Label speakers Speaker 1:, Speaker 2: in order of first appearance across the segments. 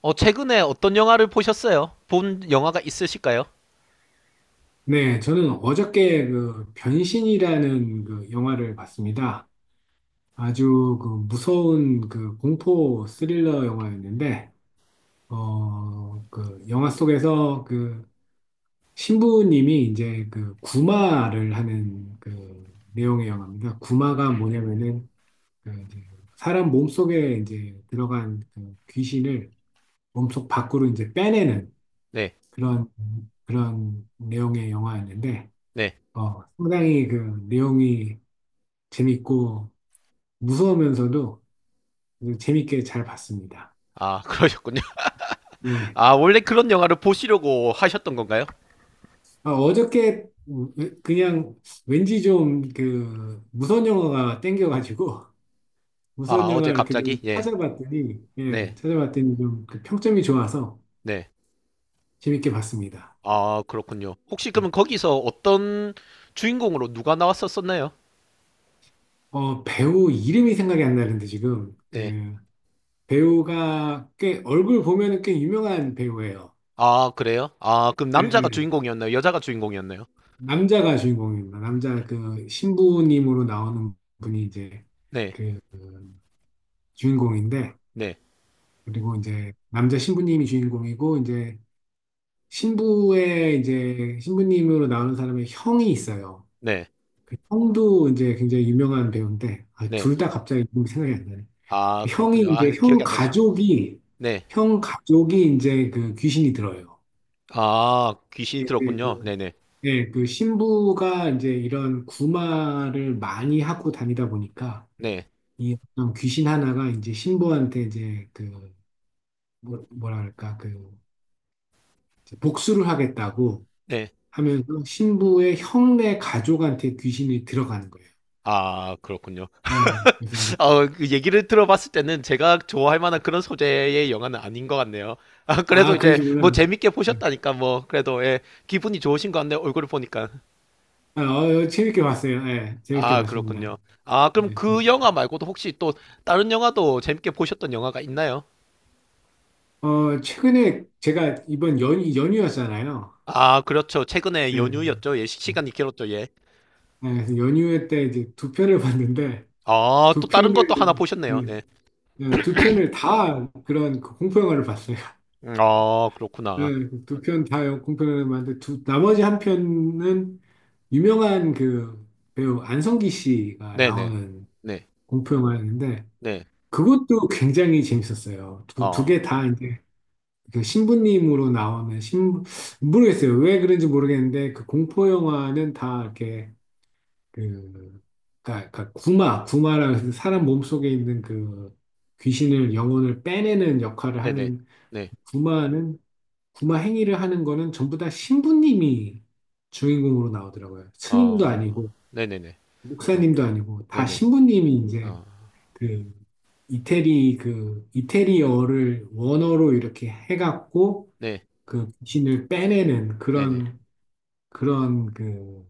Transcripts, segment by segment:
Speaker 1: 최근에 어떤 영화를 보셨어요? 본 영화가 있으실까요?
Speaker 2: 네, 저는 어저께 그 변신이라는 그 영화를 봤습니다. 아주 그 무서운 그 공포 스릴러 영화였는데, 그 영화 속에서 그 신부님이 이제 그 구마를 하는 그 내용의 영화입니다. 구마가 뭐냐면은 그 이제 사람 몸속에 이제 들어간 그 귀신을 몸속 밖으로 이제 빼내는
Speaker 1: 네,
Speaker 2: 그런 그런 내용의 영화였는데,
Speaker 1: 네.
Speaker 2: 상당히 그 내용이 재밌고 무서우면서도 재밌게 잘 봤습니다.
Speaker 1: 아, 그러셨군요.
Speaker 2: 네.
Speaker 1: 아, 원래 그런 영화를 보시려고 하셨던 건가요?
Speaker 2: 아, 어저께 그냥 왠지 좀 그 무서운 영화가 땡겨가지고
Speaker 1: 아,
Speaker 2: 무서운 영화
Speaker 1: 어제
Speaker 2: 이렇게 좀
Speaker 1: 갑자기? 예,
Speaker 2: 찾아봤더니 예,
Speaker 1: 네,
Speaker 2: 찾아봤더니 좀 그 평점이 좋아서
Speaker 1: 네.
Speaker 2: 재밌게 봤습니다.
Speaker 1: 아, 그렇군요. 혹시
Speaker 2: 네.
Speaker 1: 그러면 거기서 어떤 주인공으로 누가 나왔었었나요?
Speaker 2: 배우 이름이 생각이 안 나는데 지금
Speaker 1: 네.
Speaker 2: 그 배우가 꽤 얼굴 보면은 꽤 유명한 배우예요.
Speaker 1: 아, 그래요? 아, 그럼
Speaker 2: 예,
Speaker 1: 남자가
Speaker 2: 예.
Speaker 1: 주인공이었나요? 여자가 주인공이었나요?
Speaker 2: 남자가 주인공입니다. 남자 그 신부님으로 나오는 분이 이제
Speaker 1: 네,
Speaker 2: 그 주인공인데
Speaker 1: 네,
Speaker 2: 그리고 이제 남자 신부님이 주인공이고 이제 신부의 이제 신부님으로 나오는 사람의 형이 있어요.
Speaker 1: 네,
Speaker 2: 그 형도 이제 굉장히 유명한 배우인데 아,
Speaker 1: 네.
Speaker 2: 둘다 갑자기 이름이 생각이 안 나네.
Speaker 1: 아,
Speaker 2: 그 형이
Speaker 1: 그렇군요. 아,
Speaker 2: 이제
Speaker 1: 기억이 안 나시죠? 네.
Speaker 2: 형 가족이 이제 그 귀신이 들어요.
Speaker 1: 아, 귀신이
Speaker 2: 네 네,
Speaker 1: 들었군요. 네네, 네,
Speaker 2: 예, 그 신부가 이제 이런 구마를 많이 하고 다니다 보니까
Speaker 1: 네.
Speaker 2: 이 어떤 귀신 하나가 이제 신부한테 이제 그 뭐랄까 그 이제 복수를 하겠다고
Speaker 1: 네.
Speaker 2: 하면서 신부의 형네 가족한테 귀신이 들어가는 거예요.
Speaker 1: 아, 그렇군요.
Speaker 2: 예, 그래서.
Speaker 1: 그 얘기를 들어봤을 때는 제가 좋아할 만한 그런 소재의 영화는 아닌 것 같네요. 아, 그래도
Speaker 2: 아
Speaker 1: 이제 뭐
Speaker 2: 그러시구나.
Speaker 1: 재밌게
Speaker 2: 예.
Speaker 1: 보셨다니까 뭐 그래도 예, 기분이 좋으신 것 같네요. 얼굴을 보니까.
Speaker 2: 아, 재밌게 봤어요. 예, 재밌게
Speaker 1: 아,
Speaker 2: 봤습니다.
Speaker 1: 그렇군요. 아, 그럼
Speaker 2: 예, 재밌-
Speaker 1: 그 영화 말고도 혹시 또 다른 영화도 재밌게 보셨던 영화가 있나요?
Speaker 2: 어, 최근에 제가 이번 연휴였잖아요.
Speaker 1: 아, 그렇죠. 최근에
Speaker 2: 예,
Speaker 1: 연휴였죠. 예, 시간이 길었죠. 예.
Speaker 2: 예, 그래서 연휴 때 이제 2편을 봤는데
Speaker 1: 아, 또
Speaker 2: 두
Speaker 1: 다른 것도 하나
Speaker 2: 편을
Speaker 1: 보셨네요.
Speaker 2: 예,
Speaker 1: 네.
Speaker 2: 예, 2편을 다 그런 그 공포 영화를 봤어요.
Speaker 1: 아,
Speaker 2: 네,
Speaker 1: 그렇구나.
Speaker 2: 2편 다 공편을 만든 두 나머지 1편은 유명한 그 배우 안성기 씨가
Speaker 1: 네네.
Speaker 2: 나오는
Speaker 1: 네.
Speaker 2: 공포영화였는데
Speaker 1: 네.
Speaker 2: 그것도 굉장히 재밌었어요. 두
Speaker 1: 아,
Speaker 2: 개 다 이제 그 신부님으로 나오는 신 모르겠어요. 왜 그런지 모르겠는데 그 공포영화는 다 이렇게 그 그러니까 구마라는 사람 몸속에 있는 그 귀신을 영혼을 빼내는 역할을
Speaker 1: 네네.
Speaker 2: 하는
Speaker 1: 네.
Speaker 2: 구마는 구마 행위를 하는 거는 전부 다 신부님이 주인공으로 나오더라고요. 스님도
Speaker 1: 아,
Speaker 2: 아니고
Speaker 1: 네네네. 어,
Speaker 2: 목사님도 아니고 다
Speaker 1: 네네.
Speaker 2: 신부님이 이제
Speaker 1: 어.
Speaker 2: 그 이태리어를 원어로 이렇게 해갖고
Speaker 1: 네,
Speaker 2: 그 귀신을 빼내는
Speaker 1: 네네.
Speaker 2: 그런 그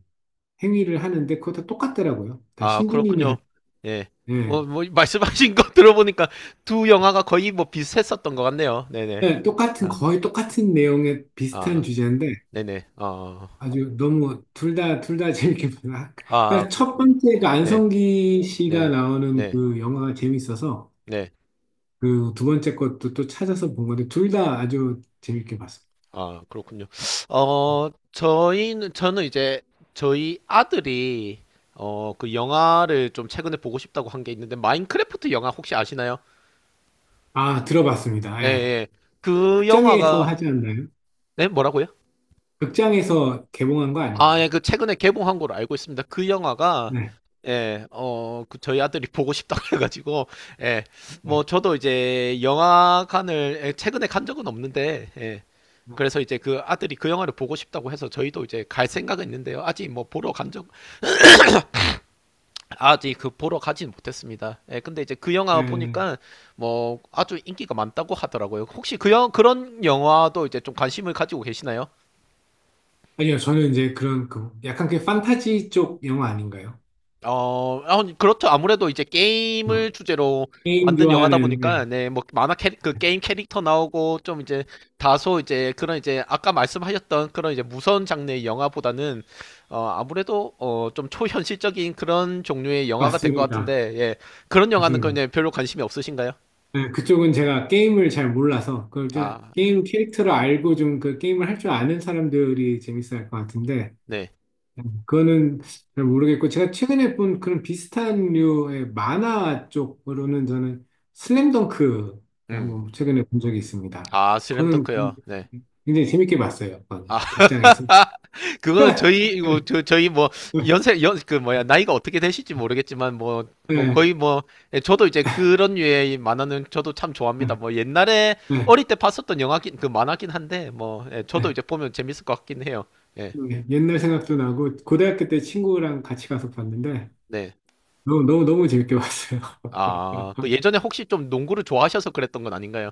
Speaker 2: 행위를 하는데 그거 다 똑같더라고요. 다
Speaker 1: 아,
Speaker 2: 신부님이 한
Speaker 1: 그렇군요. 예.
Speaker 2: 예.
Speaker 1: 뭐, 말씀하신 거 들어보니까 두 영화가 거의 뭐 비슷했었던 것 같네요. 네네.
Speaker 2: 예, 똑같은
Speaker 1: 아,
Speaker 2: 거의 똑같은 내용의 비슷한
Speaker 1: 아,
Speaker 2: 주제인데
Speaker 1: 네네. 어,
Speaker 2: 아주 너무 둘 다, 둘 다 재밌게 봤나?
Speaker 1: 아,
Speaker 2: 그러니까 첫
Speaker 1: 그렇군요.
Speaker 2: 번째가
Speaker 1: 네,
Speaker 2: 안성기 씨가
Speaker 1: 네,
Speaker 2: 나오는
Speaker 1: 네,
Speaker 2: 그 영화가 재밌어서
Speaker 1: 네.
Speaker 2: 그 두 번째 것도 또 찾아서 본 건데 둘 다 아주 재밌게 봤습니다.
Speaker 1: 아, 그렇군요. 저는 이제 저희 아들이 그 영화를 좀 최근에 보고 싶다고 한게 있는데, 마인크래프트 영화 혹시 아시나요?
Speaker 2: 아, 들어봤습니다.
Speaker 1: 예,
Speaker 2: 예.
Speaker 1: 예. 그
Speaker 2: 극장에서
Speaker 1: 영화가,
Speaker 2: 하지 않나요?
Speaker 1: 네, 뭐라고요?
Speaker 2: 극장에서 개봉한 거
Speaker 1: 아,
Speaker 2: 아닌가요?
Speaker 1: 예, 그 최근에 개봉한 걸로 알고 있습니다. 그 영화가
Speaker 2: 네.
Speaker 1: 예, 그 저희 아들이 보고 싶다고 해가지고 예,
Speaker 2: 네.
Speaker 1: 뭐 저도 이제 영화관을 예, 최근에 간 적은 없는데 예,
Speaker 2: 네.
Speaker 1: 그래서 이제 그 아들이 그 영화를 보고 싶다고 해서 저희도 이제 갈 생각은 있는데요. 아직 뭐 보러 간 적, 아직 그 보러 가진 못했습니다. 예, 근데 이제 그 영화
Speaker 2: 네.
Speaker 1: 보니까 뭐 아주 인기가 많다고 하더라고요. 혹시 그런 영화도 이제 좀 관심을 가지고 계시나요?
Speaker 2: 아니요, 저는 이제 그런 그 약간 그 판타지 쪽 영화 아닌가요?
Speaker 1: 어, 아, 그렇죠. 아무래도 이제
Speaker 2: 어.
Speaker 1: 게임을 주제로
Speaker 2: 게임
Speaker 1: 만든 영화다
Speaker 2: 좋아하는,
Speaker 1: 보니까,
Speaker 2: 예.
Speaker 1: 네, 뭐, 그 게임 캐릭터 나오고, 좀 이제, 다소 이제, 그런 이제, 아까 말씀하셨던 그런 이제 무서운 장르의 영화보다는, 어, 아무래도, 어, 좀 초현실적인 그런 종류의 영화가 될 것
Speaker 2: 맞습니다.
Speaker 1: 같은데, 예. 그런 영화는
Speaker 2: 맞습니다.
Speaker 1: 그냥 별로 관심이 없으신가요?
Speaker 2: 네, 그쪽은 제가 게임을 잘 몰라서 그 이제
Speaker 1: 아,
Speaker 2: 게임 캐릭터를 알고 좀 그 게임을 할 줄 아는 사람들이 재밌어 할 것 같은데
Speaker 1: 네.
Speaker 2: 네, 그거는 잘 모르겠고 제가 최근에 본 그런 비슷한 류의 만화 쪽으로는 저는 슬램덩크를 한번
Speaker 1: 음.
Speaker 2: 최근에 본 적이 있습니다.
Speaker 1: 아,
Speaker 2: 그거는
Speaker 1: 슬램덩크요. 네.
Speaker 2: 굉장히 재밌게 봤어요.
Speaker 1: 아,
Speaker 2: 그건 극장에서.
Speaker 1: 그거는 저희 뭐
Speaker 2: 네,
Speaker 1: 연세 연 그 뭐야 나이가 어떻게 되실지 모르겠지만 뭐 뭐
Speaker 2: 네,
Speaker 1: 거의 뭐 예, 저도 이제 그런 류의 이 만화는 저도 참
Speaker 2: 네,
Speaker 1: 좋아합니다. 뭐 옛날에
Speaker 2: 네.
Speaker 1: 어릴 때 봤었던 영화긴 그 만화긴 한데 뭐 예, 저도 이제 보면 재밌을 것 같긴 해요. 예.
Speaker 2: 네, 옛날 생각도 나고 고등학교 때 친구랑 같이 가서 봤는데
Speaker 1: 네.
Speaker 2: 너무 너무 너무 재밌게 봤어요.
Speaker 1: 아, 그 예전에 혹시 좀 농구를 좋아하셔서 그랬던 건 아닌가요?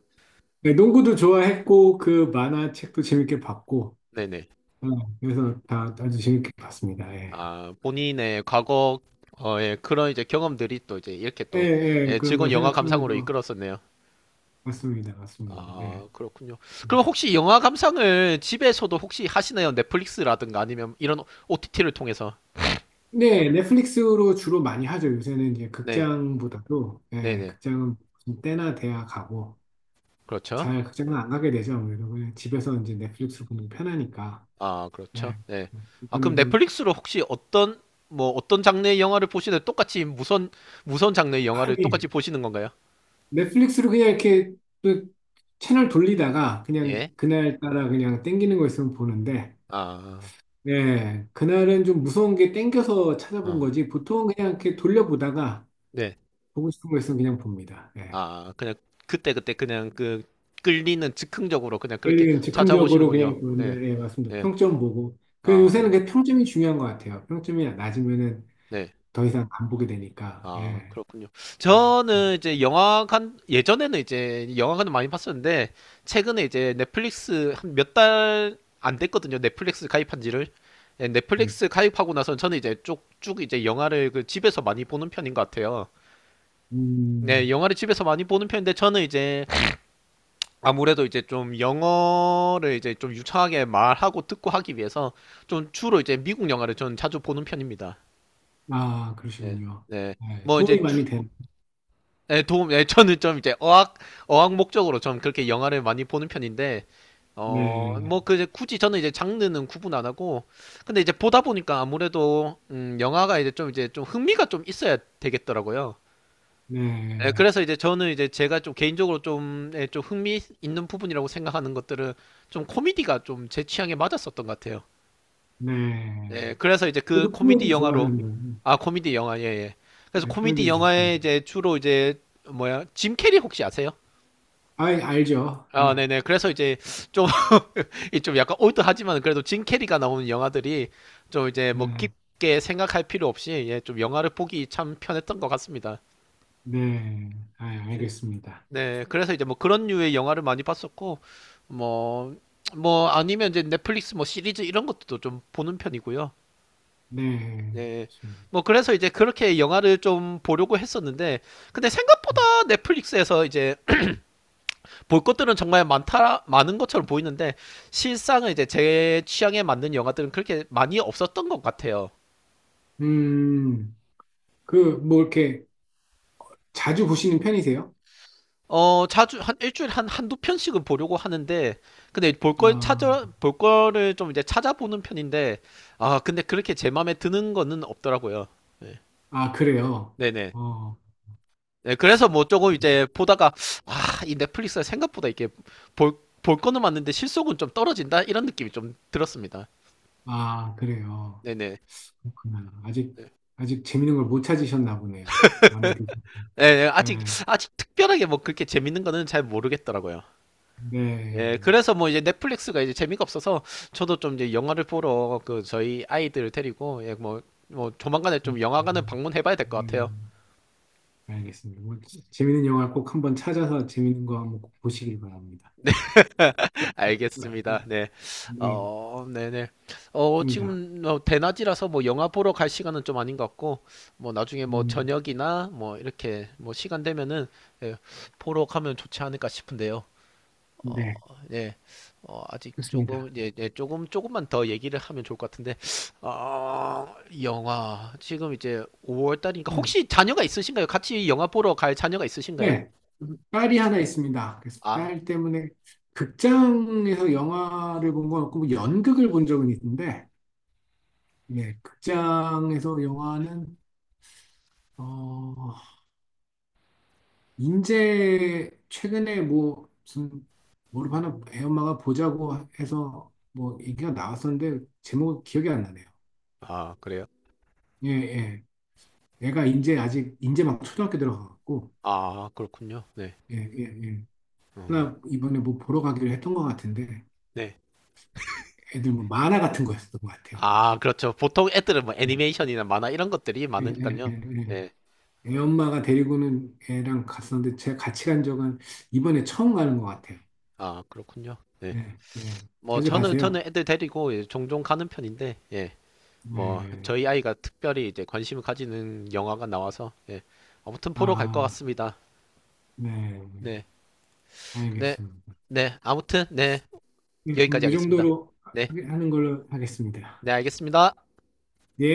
Speaker 2: 네, 농구도 좋아했고 그 만화책도 재밌게 봤고
Speaker 1: 네네.
Speaker 2: 어, 그래서 다 아주 재밌게 봤습니다. 예.
Speaker 1: 아, 본인의 과거 어, 예, 그런 이제 경험들이 또 이제 이렇게
Speaker 2: 예,
Speaker 1: 또
Speaker 2: 예,
Speaker 1: 예,
Speaker 2: 그런
Speaker 1: 즐거운
Speaker 2: 걸
Speaker 1: 영화 감상으로
Speaker 2: 생각하면서
Speaker 1: 이끌었었네요.
Speaker 2: 봤습니다. 맞습니다.
Speaker 1: 아,
Speaker 2: 예.
Speaker 1: 그렇군요. 그럼 혹시 영화 감상을 집에서도 혹시 하시나요? 넷플릭스라든가 아니면 이런 OTT를 통해서?
Speaker 2: 네, 넷플릭스로 주로 많이 하죠. 요새는 이제
Speaker 1: 네,
Speaker 2: 극장보다도 예,
Speaker 1: 네네.
Speaker 2: 극장은 무슨 때나 돼야 가고
Speaker 1: 그렇죠.
Speaker 2: 잘 극장은 안 가게 되죠. 아무래도 그냥 집에서 이제 넷플릭스 보는 게 편하니까.
Speaker 1: 아, 그렇죠.
Speaker 2: 예.
Speaker 1: 네. 아, 그럼
Speaker 2: 이번에도
Speaker 1: 넷플릭스로 혹시 어떤, 뭐, 어떤 장르의 영화를 보시는, 무선 장르의 영화를 똑같이
Speaker 2: 빨리
Speaker 1: 보시는 건가요?
Speaker 2: 넷플릭스로 그냥 이렇게 또 채널 돌리다가 그냥
Speaker 1: 예.
Speaker 2: 그날 따라 그냥 땡기는 거 있으면 보는데,
Speaker 1: 아,
Speaker 2: 예, 그날은 좀 무서운 게 땡겨서 찾아본
Speaker 1: 어,
Speaker 2: 거지, 보통 그냥 이렇게 돌려보다가
Speaker 1: 네.
Speaker 2: 보고 싶은 거 있으면 그냥 봅니다. 예.
Speaker 1: 아, 그냥 그때그때 그냥 그 끌리는 즉흥적으로 그냥 그렇게
Speaker 2: 끌리는 즉흥적으로
Speaker 1: 찾아보시는군요.
Speaker 2: 그냥
Speaker 1: 네,
Speaker 2: 보는데, 예, 맞습니다.
Speaker 1: 네.
Speaker 2: 평점 보고. 그래, 요새는
Speaker 1: 아,
Speaker 2: 그 평점이 중요한 것 같아요. 평점이 낮으면은
Speaker 1: 네.
Speaker 2: 더 이상 안 보게 되니까,
Speaker 1: 아,
Speaker 2: 예,
Speaker 1: 그렇군요.
Speaker 2: 예,
Speaker 1: 저는
Speaker 2: 맞습니다.
Speaker 1: 이제 예전에는 이제 영화관을 많이 봤었는데, 최근에 이제 넷플릭스 한 몇 달 안 됐거든요. 넷플릭스 가입한 지를. 예,
Speaker 2: 네.
Speaker 1: 넷플릭스 가입하고 나서 저는 이제 쭉쭉 이제 영화를 그 집에서 많이 보는 편인 것 같아요. 네,
Speaker 2: 음,
Speaker 1: 영화를 집에서 많이 보는 편인데, 저는 이제 아무래도 이제 좀 영어를 이제 좀 유창하게 말하고 듣고 하기 위해서 좀 주로 이제 미국 영화를 저는 자주 보는 편입니다.
Speaker 2: 아,
Speaker 1: 네,
Speaker 2: 그러시군요.
Speaker 1: 네.
Speaker 2: 네
Speaker 1: 뭐 이제
Speaker 2: 도움이 많이 되네.
Speaker 1: 예, 도움, 예, 저는 좀 이제 어학 목적으로 좀 그렇게 영화를 많이 보는 편인데, 어,
Speaker 2: 네.
Speaker 1: 뭐, 그, 이제 굳이 저는 이제 장르는 구분 안 하고, 근데 이제 보다 보니까 아무래도, 영화가 이제 좀 이제 좀 흥미가 좀 있어야 되겠더라고요. 예,
Speaker 2: 네.
Speaker 1: 그래서 이제 저는 이제 제가 좀 개인적으로 좀, 예, 좀 흥미 있는 부분이라고 생각하는 것들은 좀 코미디가 좀 제 취향에 맞았었던 것 같아요.
Speaker 2: 네.
Speaker 1: 예, 그래서 이제 그
Speaker 2: 저도
Speaker 1: 코미디
Speaker 2: 코미디
Speaker 1: 영화로,
Speaker 2: 좋아하는데,
Speaker 1: 아, 코미디 영화, 예, 예. 그래서
Speaker 2: 네, 코미디
Speaker 1: 코미디 영화에
Speaker 2: 좋습니다.
Speaker 1: 이제 주로 이제, 뭐야, 짐 캐리 혹시 아세요?
Speaker 2: 아, 알죠.
Speaker 1: 아,
Speaker 2: 아,
Speaker 1: 네네. 그래서 이제 좀, 이좀 약간 올드하지만 그래도 진 캐리가 나오는 영화들이 좀 이제 뭐
Speaker 2: 네,
Speaker 1: 깊게 생각할 필요 없이 예, 좀 영화를 보기 참 편했던 것 같습니다.
Speaker 2: 네. 아, 알겠습니다.
Speaker 1: 네. 그래서 이제 뭐 그런 류의 영화를 많이 봤었고, 뭐, 뭐 아니면 이제 넷플릭스 뭐 시리즈 이런 것도 좀 보는 편이고요.
Speaker 2: 네,
Speaker 1: 네.
Speaker 2: 좋습니다.
Speaker 1: 뭐 그래서 이제 그렇게 영화를 좀 보려고 했었는데, 근데 생각보다 넷플릭스에서 이제 볼 것들은 정말 많다 많은 것처럼 보이는데 실상은 이제 제 취향에 맞는 영화들은 그렇게 많이 없었던 것 같아요.
Speaker 2: 음, 그, 뭐, 이렇게 자주 보시는 편이세요?
Speaker 1: 어 자주 한 일주일에 한 한두 편씩은 보려고 하는데 근데
Speaker 2: 아,
Speaker 1: 볼 거를 좀 이제 찾아보는 편인데 아 근데 그렇게 제 마음에 드는 거는 없더라고요. 네.
Speaker 2: 아, 그래요.
Speaker 1: 네네.
Speaker 2: 어,
Speaker 1: 네, 그래서 뭐 조금 이제 보다가 아 이 넷플릭스가 생각보다 이게 볼 거는 맞는데 실속은 좀 떨어진다 이런 느낌이 좀 들었습니다.
Speaker 2: 아, 그래요.
Speaker 1: 네네.
Speaker 2: 그렇구나. 아직 재밌는 걸 못 찾으셨나 보네요. 마음에 드세요.
Speaker 1: 예, 예, 아직
Speaker 2: 네,
Speaker 1: 아직 특별하게 뭐 그렇게 재밌는 거는 잘 모르겠더라고요. 예,
Speaker 2: 네.
Speaker 1: 그래서 뭐 이제 넷플릭스가 이제 재미가 없어서 저도 좀 이제 영화를 보러 그 저희 아이들을 데리고 예, 뭐 뭐 조만간에
Speaker 2: 음,
Speaker 1: 좀 영화관을 방문해봐야 될 것
Speaker 2: 네.
Speaker 1: 같아요.
Speaker 2: 알겠습니다. 뭐, 재밌는 영화 꼭 한번 찾아서 재밌는 거 한번 꼭 보시길 바랍니다.
Speaker 1: 알겠습니다. 네,
Speaker 2: 네,
Speaker 1: 어, 네네. 어,
Speaker 2: 좋습니다.
Speaker 1: 지금 뭐 대낮이라서 뭐 영화 보러 갈 시간은 좀 아닌 것 같고 뭐 나중에 뭐
Speaker 2: 음,
Speaker 1: 저녁이나 뭐 이렇게 뭐 시간 되면은 예, 보러 가면 좋지 않을까 싶은데요.
Speaker 2: 네,
Speaker 1: 어, 네, 어, 아직
Speaker 2: 좋습니다.
Speaker 1: 조금, 예, 예, 조금만 더 얘기를 하면 좋을 것 같은데, 어, 영화. 지금 이제 5월 달이니까,
Speaker 2: 음,
Speaker 1: 혹시 자녀가 있으신가요? 같이 영화 보러 갈 자녀가 있으신가요?
Speaker 2: 네, 딸이 하나 있습니다. 그래서
Speaker 1: 아,
Speaker 2: 딸 때문에 극장에서 영화를 본 건 없고 뭐 연극을 본 적은 있는데, 예, 극장에서 영화는 어, 인제 최근에 뭐 무슨 뭐를 하나 애 엄마가 보자고 해서 뭐 얘기가 나왔었는데 제목 기억이 안 나네요.
Speaker 1: 아, 그래요?
Speaker 2: 예, 예. 애가 이제 아직 이제 막 초등학교 들어가고
Speaker 1: 아, 그렇군요. 네.
Speaker 2: 예, 예, 예.
Speaker 1: 음,
Speaker 2: 하나 이번에 뭐 보러 가기로 했던 것 같은데
Speaker 1: 네.
Speaker 2: 애들 뭐 만화 같은 거였던 것 같아요.
Speaker 1: 아, 그렇죠. 보통 애들은 뭐
Speaker 2: 예,
Speaker 1: 애니메이션이나 만화 이런 것들이
Speaker 2: 예, 예, 예.
Speaker 1: 많으니까요. 네.
Speaker 2: 예. 애 엄마가 데리고는 애랑 갔었는데 제가 같이 간 적은 이번에 처음 가는 것 같아요.
Speaker 1: 아, 그렇군요. 네.
Speaker 2: 예, 예.
Speaker 1: 뭐,
Speaker 2: 자주
Speaker 1: 저는, 저는
Speaker 2: 가세요?
Speaker 1: 애들 데리고 예, 종종 가는 편인데, 예.
Speaker 2: 네.
Speaker 1: 뭐
Speaker 2: 예.
Speaker 1: 저희 아이가 특별히 이제 관심을 가지는 영화가 나와서 예. 아무튼 보러 갈 것
Speaker 2: 아,
Speaker 1: 같습니다.
Speaker 2: 네.
Speaker 1: 네, 네,
Speaker 2: 알겠습니다.
Speaker 1: 네. 아무튼 네
Speaker 2: 예, 그럼
Speaker 1: 여기까지
Speaker 2: 이
Speaker 1: 하겠습니다.
Speaker 2: 정도로
Speaker 1: 네,
Speaker 2: 하는 걸로 하겠습니다.
Speaker 1: 네 알겠습니다.
Speaker 2: 예.